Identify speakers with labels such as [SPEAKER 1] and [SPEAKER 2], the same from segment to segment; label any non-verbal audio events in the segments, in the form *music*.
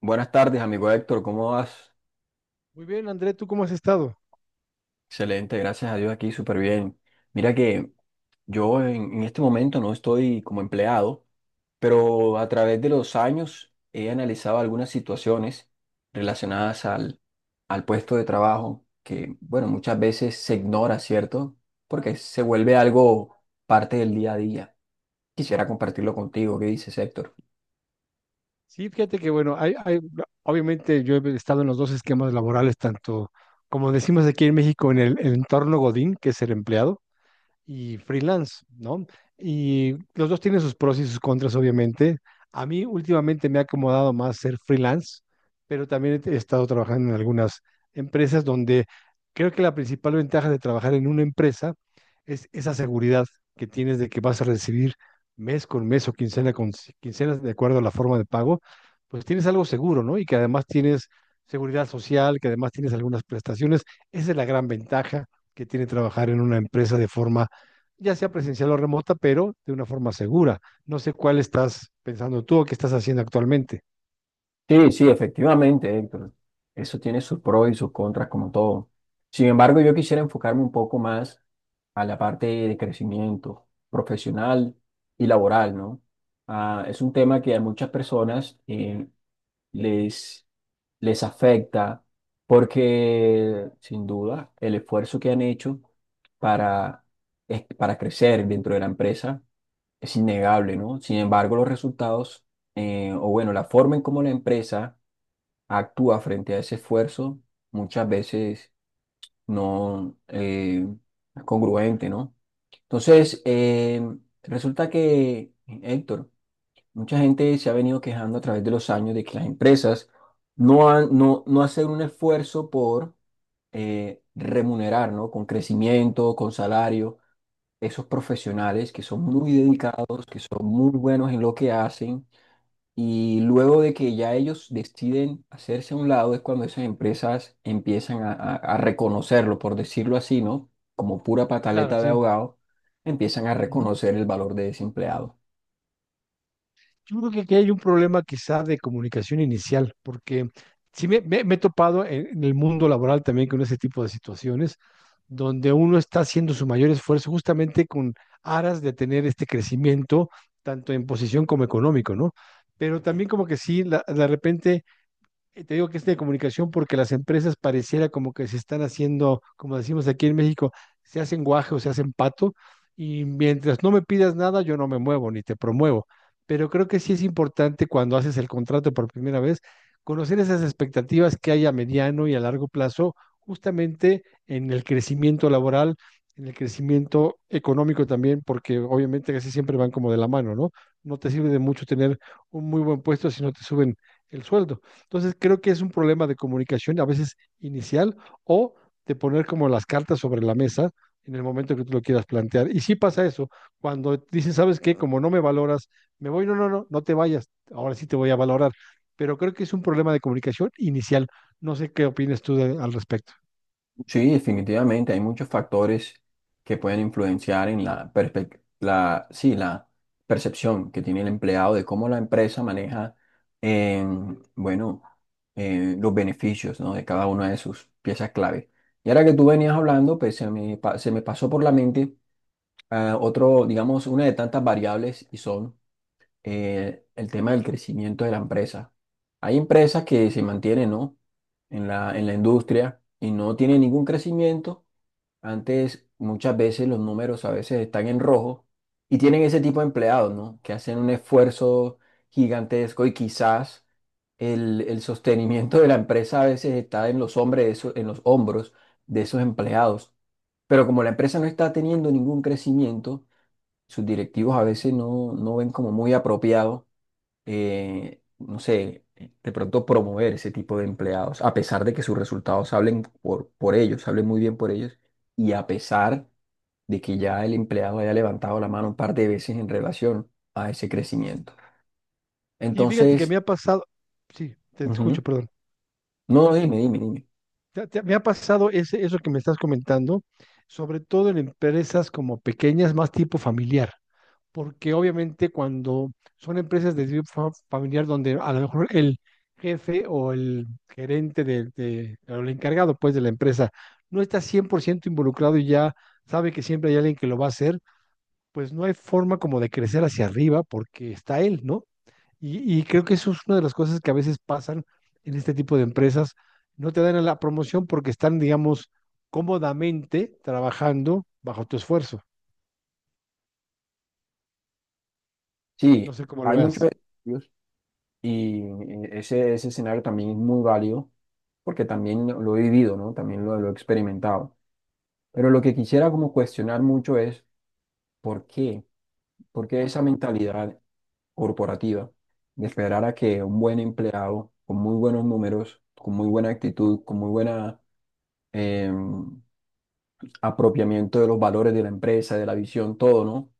[SPEAKER 1] Buenas tardes, amigo Héctor, ¿cómo vas?
[SPEAKER 2] Muy bien, André, ¿tú cómo has estado?
[SPEAKER 1] Excelente, gracias a Dios aquí, súper bien. Mira que yo en este momento no estoy como empleado, pero a través de los años he analizado algunas situaciones relacionadas al puesto de trabajo que, bueno, muchas veces se ignora, ¿cierto? Porque se vuelve algo parte del día a día. Quisiera compartirlo contigo, ¿qué dices, Héctor?
[SPEAKER 2] Sí, fíjate que bueno, obviamente yo he estado en los dos esquemas laborales, tanto como decimos aquí en México, en el entorno Godín, que es el empleado, y freelance, ¿no? Y los dos tienen sus pros y sus contras, obviamente. A mí últimamente me ha acomodado más ser freelance, pero también he estado trabajando en algunas empresas donde creo que la principal ventaja de trabajar en una empresa es esa seguridad que tienes de que vas a recibir mes con mes o quincena con quincena, de acuerdo a la forma de pago, pues tienes algo seguro, ¿no? Y que además tienes seguridad social, que además tienes algunas prestaciones. Esa es la gran ventaja que tiene trabajar en una empresa de forma ya sea presencial o remota, pero de una forma segura. No sé cuál estás pensando tú o qué estás haciendo actualmente.
[SPEAKER 1] Sí, sí, efectivamente, Héctor. Eso tiene sus pros y sus contras, como todo. Sin embargo, yo quisiera enfocarme un poco más a la parte de crecimiento profesional y laboral, ¿no? Ah, es un tema que a muchas personas les, les afecta porque, sin duda, el esfuerzo que han hecho para, para crecer dentro de la empresa es innegable, ¿no? Sin embargo, los resultados, o bueno, la forma en cómo la empresa actúa frente a ese esfuerzo, muchas veces no es congruente, ¿no? Entonces, resulta que, Héctor, mucha gente se ha venido quejando a través de los años de que las empresas no, han, no, no hacen un esfuerzo por remunerar, ¿no? Con crecimiento, con salario, esos profesionales que son muy dedicados, que son muy buenos en lo que hacen y luego de que ya ellos deciden hacerse a un lado, es cuando esas empresas empiezan a reconocerlo, por decirlo así, ¿no? Como pura
[SPEAKER 2] Claro,
[SPEAKER 1] pataleta de
[SPEAKER 2] sí.
[SPEAKER 1] ahogado, empiezan a
[SPEAKER 2] Ujú.
[SPEAKER 1] reconocer el valor de ese empleado.
[SPEAKER 2] Yo creo que aquí hay un problema quizá de comunicación inicial, porque sí me he topado en el mundo laboral también con ese tipo de situaciones, donde uno está haciendo su mayor esfuerzo justamente con aras de tener este crecimiento, tanto en posición como económico, ¿no? Pero también como que sí, de repente, te digo que es de comunicación porque las empresas pareciera como que se están haciendo, como decimos aquí en México, se hacen guaje o se hacen pato, y mientras no me pidas nada, yo no me muevo ni te promuevo. Pero creo que sí es importante cuando haces el contrato por primera vez, conocer esas expectativas que hay a mediano y a largo plazo, justamente en el crecimiento laboral, en el crecimiento económico también, porque obviamente casi siempre van como de la mano, ¿no? No te sirve de mucho tener un muy buen puesto si no te suben el sueldo. Entonces creo que es un problema de comunicación, a veces inicial, o de poner como las cartas sobre la mesa en el momento que tú lo quieras plantear. Y sí pasa eso, cuando dicen, ¿sabes qué? Como no me valoras, me voy. No, no, no, no te vayas, ahora sí te voy a valorar. Pero creo que es un problema de comunicación inicial. No sé qué opinas tú al respecto.
[SPEAKER 1] Sí, definitivamente, hay muchos factores que pueden influenciar en la, perspec- la, sí, la percepción que tiene el empleado de cómo la empresa maneja, em, bueno, los beneficios, ¿no? de cada una de sus piezas clave. Y ahora que tú venías hablando, pues se me pasó por la mente otro, digamos, una de tantas variables y son el tema del crecimiento de la empresa. Hay empresas que se mantienen, ¿no? en en la industria y no tienen ningún crecimiento. Antes, muchas veces los números a veces están en rojo y tienen ese tipo de empleados, ¿no? Que hacen un esfuerzo gigantesco y quizás el sostenimiento de la empresa a veces está en los en los hombros de esos empleados. Pero como la empresa no está teniendo ningún crecimiento, sus directivos a veces no ven como muy apropiado no sé, de pronto promover ese tipo de empleados, a pesar de que sus resultados hablen por ellos, hablen muy bien por ellos, y a pesar de que ya el empleado haya levantado la mano un par de veces en relación a ese crecimiento.
[SPEAKER 2] Y fíjate que me
[SPEAKER 1] Entonces,
[SPEAKER 2] ha pasado. Sí, te escucho,
[SPEAKER 1] ujú.
[SPEAKER 2] perdón.
[SPEAKER 1] No, no, dime, dime, dime.
[SPEAKER 2] Me ha pasado eso que me estás comentando, sobre todo en empresas como pequeñas, más tipo familiar, porque obviamente cuando son empresas de tipo familiar, donde a lo mejor el jefe o el gerente o el encargado pues de la empresa no está 100% involucrado y ya sabe que siempre hay alguien que lo va a hacer, pues no hay forma como de crecer hacia arriba porque está él, ¿no? Y creo que eso es una de las cosas que a veces pasan en este tipo de empresas. No te dan a la promoción porque están, digamos, cómodamente trabajando bajo tu esfuerzo. No
[SPEAKER 1] Sí,
[SPEAKER 2] sé cómo lo
[SPEAKER 1] hay muchos
[SPEAKER 2] veas.
[SPEAKER 1] estudios y ese escenario también es muy válido porque también lo he vivido, ¿no? También lo he experimentado. Pero lo que quisiera como cuestionar mucho es, ¿por qué? Porque esa mentalidad corporativa de esperar a que un buen empleado con muy buenos números, con muy buena actitud, con muy buena em, apropiamiento de los valores de la empresa, de la visión, todo, ¿no?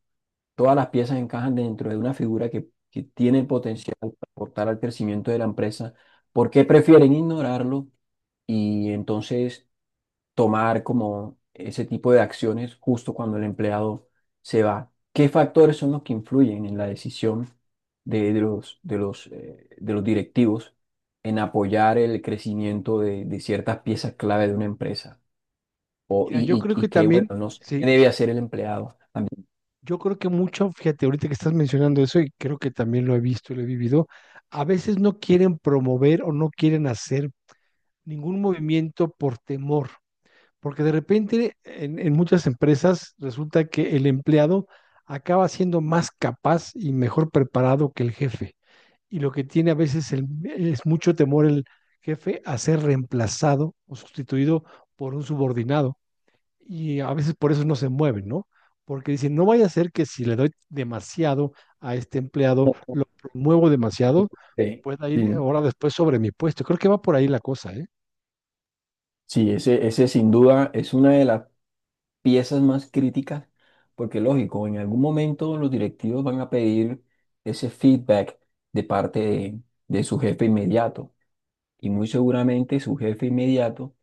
[SPEAKER 1] Todas las piezas encajan dentro de una figura que tiene el potencial para aportar al crecimiento de la empresa. ¿Por qué prefieren ignorarlo? Y entonces tomar como ese tipo de acciones justo cuando el empleado se va. ¿Qué factores son los que influyen en la decisión de los directivos en apoyar el crecimiento de ciertas piezas clave de una empresa? O,
[SPEAKER 2] Mira, yo creo
[SPEAKER 1] y
[SPEAKER 2] que
[SPEAKER 1] qué,
[SPEAKER 2] también,
[SPEAKER 1] bueno, no sé, qué
[SPEAKER 2] sí,
[SPEAKER 1] debe hacer el empleado.
[SPEAKER 2] yo creo que mucho, fíjate, ahorita que estás mencionando eso, y creo que también lo he visto y lo he vivido, a veces no quieren promover o no quieren hacer ningún movimiento por temor, porque de repente en muchas empresas resulta que el empleado acaba siendo más capaz y mejor preparado que el jefe, y lo que tiene a veces es mucho temor el jefe a ser reemplazado o sustituido por un subordinado, y a veces por eso no se mueven, ¿no? Porque dicen, no vaya a ser que si le doy demasiado a este empleado,
[SPEAKER 1] *laughs*
[SPEAKER 2] lo promuevo demasiado,
[SPEAKER 1] Sí,
[SPEAKER 2] pueda ir
[SPEAKER 1] sí,
[SPEAKER 2] ahora después sobre mi puesto. Creo que va por ahí la cosa, ¿eh?
[SPEAKER 1] sí, ese sin duda es una de las piezas más críticas, porque lógico, en algún momento los directivos van a pedir ese feedback de parte de su jefe inmediato y muy seguramente su jefe inmediato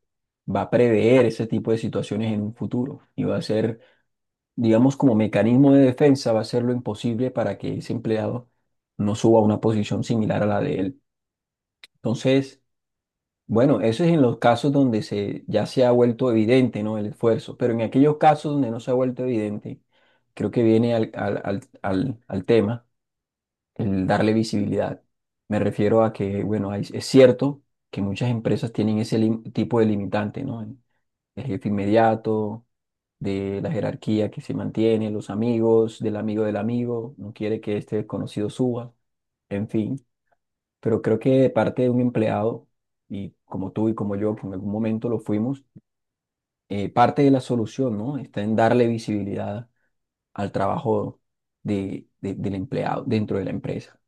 [SPEAKER 1] va a prever ese tipo de situaciones en un futuro y va a ser, digamos, como mecanismo de defensa, va a hacer lo imposible para que ese empleado no suba a una posición similar a la de él. Entonces, bueno, eso es en los casos donde ya se ha vuelto evidente, ¿no? El esfuerzo, pero en aquellos casos donde no se ha vuelto evidente, creo que viene al tema, el darle visibilidad. Me refiero a que, bueno, es cierto que muchas empresas tienen ese tipo de limitante, ¿no? El jefe inmediato, de la jerarquía que se mantiene, los amigos, del amigo, no quiere que este desconocido suba, en fin, pero creo que de parte de un empleado, y como tú y como yo, que en algún momento lo fuimos, parte de la solución, ¿no? Está en darle visibilidad al trabajo del empleado dentro de la empresa.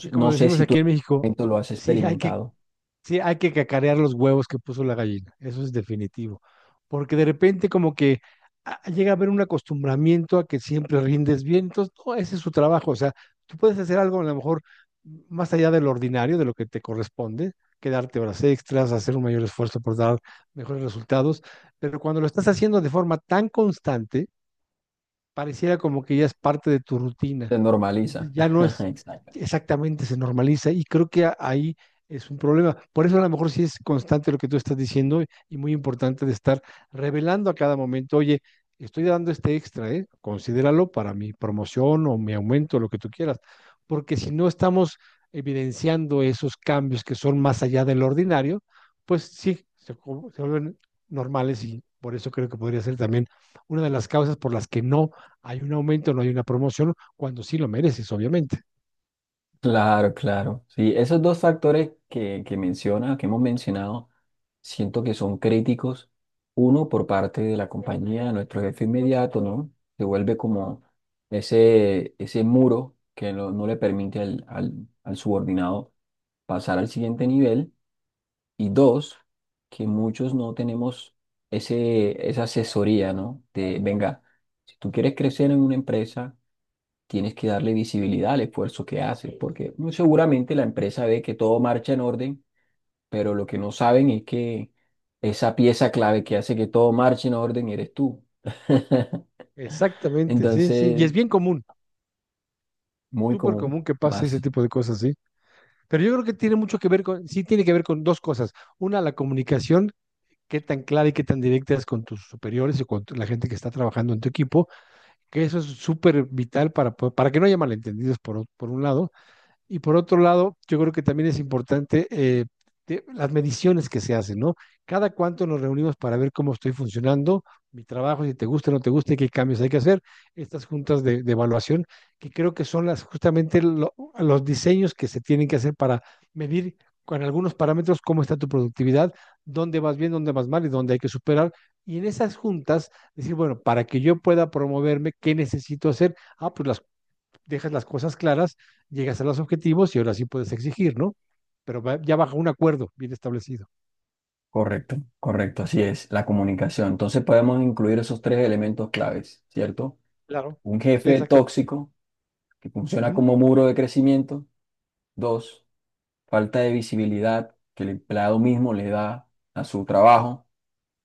[SPEAKER 2] Y como
[SPEAKER 1] no sé
[SPEAKER 2] decimos
[SPEAKER 1] si tú en
[SPEAKER 2] aquí en
[SPEAKER 1] algún
[SPEAKER 2] México,
[SPEAKER 1] momento lo has
[SPEAKER 2] sí hay que
[SPEAKER 1] experimentado,
[SPEAKER 2] Sí, hay que cacarear los huevos que puso la gallina, eso es definitivo, porque de repente como que, llega a haber un acostumbramiento a que siempre rindes bien. Entonces no, ese es su trabajo, o sea, tú puedes hacer algo a lo mejor más allá de lo ordinario, de lo que te corresponde, quedarte horas extras, hacer un mayor esfuerzo por dar mejores resultados, pero cuando lo estás haciendo de forma tan constante, pareciera como que ya es parte de tu rutina,
[SPEAKER 1] se normaliza.
[SPEAKER 2] entonces ya no
[SPEAKER 1] *laughs*
[SPEAKER 2] es.
[SPEAKER 1] Exacto.
[SPEAKER 2] Exactamente, se normaliza, y creo que ahí es un problema. Por eso a lo mejor sí es constante lo que tú estás diciendo y muy importante de estar revelando a cada momento, oye, estoy dando este extra, ¿eh? Considéralo para mi promoción o mi aumento, lo que tú quieras, porque si no estamos evidenciando esos cambios que son más allá del ordinario, pues sí, se vuelven normales, y por eso creo que podría ser también una de las causas por las que no hay un aumento, no hay una promoción cuando sí lo mereces, obviamente.
[SPEAKER 1] Claro, claro. Sí, esos dos factores que menciona, que hemos mencionado, siento que son críticos. Uno, por parte de la compañía, nuestro jefe inmediato, ¿no? Se vuelve como ese muro que no le permite al subordinado pasar al siguiente nivel. Y dos, que muchos no tenemos esa asesoría, ¿no? De, venga, si tú quieres crecer en una empresa, tienes que darle visibilidad al esfuerzo que haces, porque muy seguramente la empresa ve que todo marcha en orden, pero lo que no saben es que esa pieza clave que hace que todo marche en orden eres tú. *laughs*
[SPEAKER 2] Exactamente, sí, sí. Y
[SPEAKER 1] Entonces,
[SPEAKER 2] es bien común,
[SPEAKER 1] muy
[SPEAKER 2] súper
[SPEAKER 1] común,
[SPEAKER 2] común que pase ese
[SPEAKER 1] más.
[SPEAKER 2] tipo de cosas, sí. Pero yo creo que tiene mucho que ver con, sí, tiene que ver con dos cosas. Una, la comunicación, qué tan clara y qué tan directa es con tus superiores y con la gente que está trabajando en tu equipo, que eso es súper vital para que no haya malentendidos por un lado. Y por otro lado, yo creo que también es importante, las mediciones que se hacen, ¿no? Cada cuánto nos reunimos para ver cómo estoy funcionando, mi trabajo, si te gusta o no te gusta y qué cambios hay que hacer. Estas juntas de evaluación, que creo que son las, justamente los diseños que se tienen que hacer para medir con algunos parámetros cómo está tu productividad, dónde vas bien, dónde vas mal y dónde hay que superar. Y en esas juntas, decir, bueno, para que yo pueda promoverme, ¿qué necesito hacer? Ah, pues las dejas las cosas claras, llegas a los objetivos y ahora sí puedes exigir, ¿no? Pero ya bajo un acuerdo bien establecido.
[SPEAKER 1] Correcto, correcto, así es, la comunicación. Entonces podemos incluir esos tres elementos claves, ¿cierto?
[SPEAKER 2] Claro,
[SPEAKER 1] Un
[SPEAKER 2] sí,
[SPEAKER 1] jefe
[SPEAKER 2] exactamente.
[SPEAKER 1] tóxico que funciona
[SPEAKER 2] Ujú.
[SPEAKER 1] como muro de crecimiento. Dos, falta de visibilidad que el empleado mismo le da a su trabajo.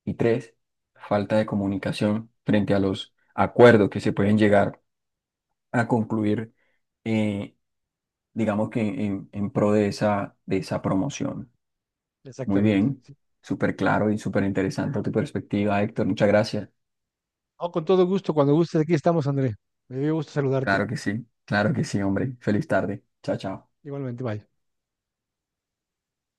[SPEAKER 1] Y tres, falta de comunicación frente a los acuerdos que se pueden llegar a concluir, eh, digamos que en pro de de esa promoción. Muy
[SPEAKER 2] Exactamente,
[SPEAKER 1] bien,
[SPEAKER 2] sí.
[SPEAKER 1] súper claro y súper interesante tu perspectiva, Héctor. Muchas gracias.
[SPEAKER 2] No, con todo gusto, cuando gustes, aquí estamos, André. Me dio gusto saludarte.
[SPEAKER 1] Claro que sí, hombre. Feliz tarde. Chao, chao.
[SPEAKER 2] Igualmente, bye.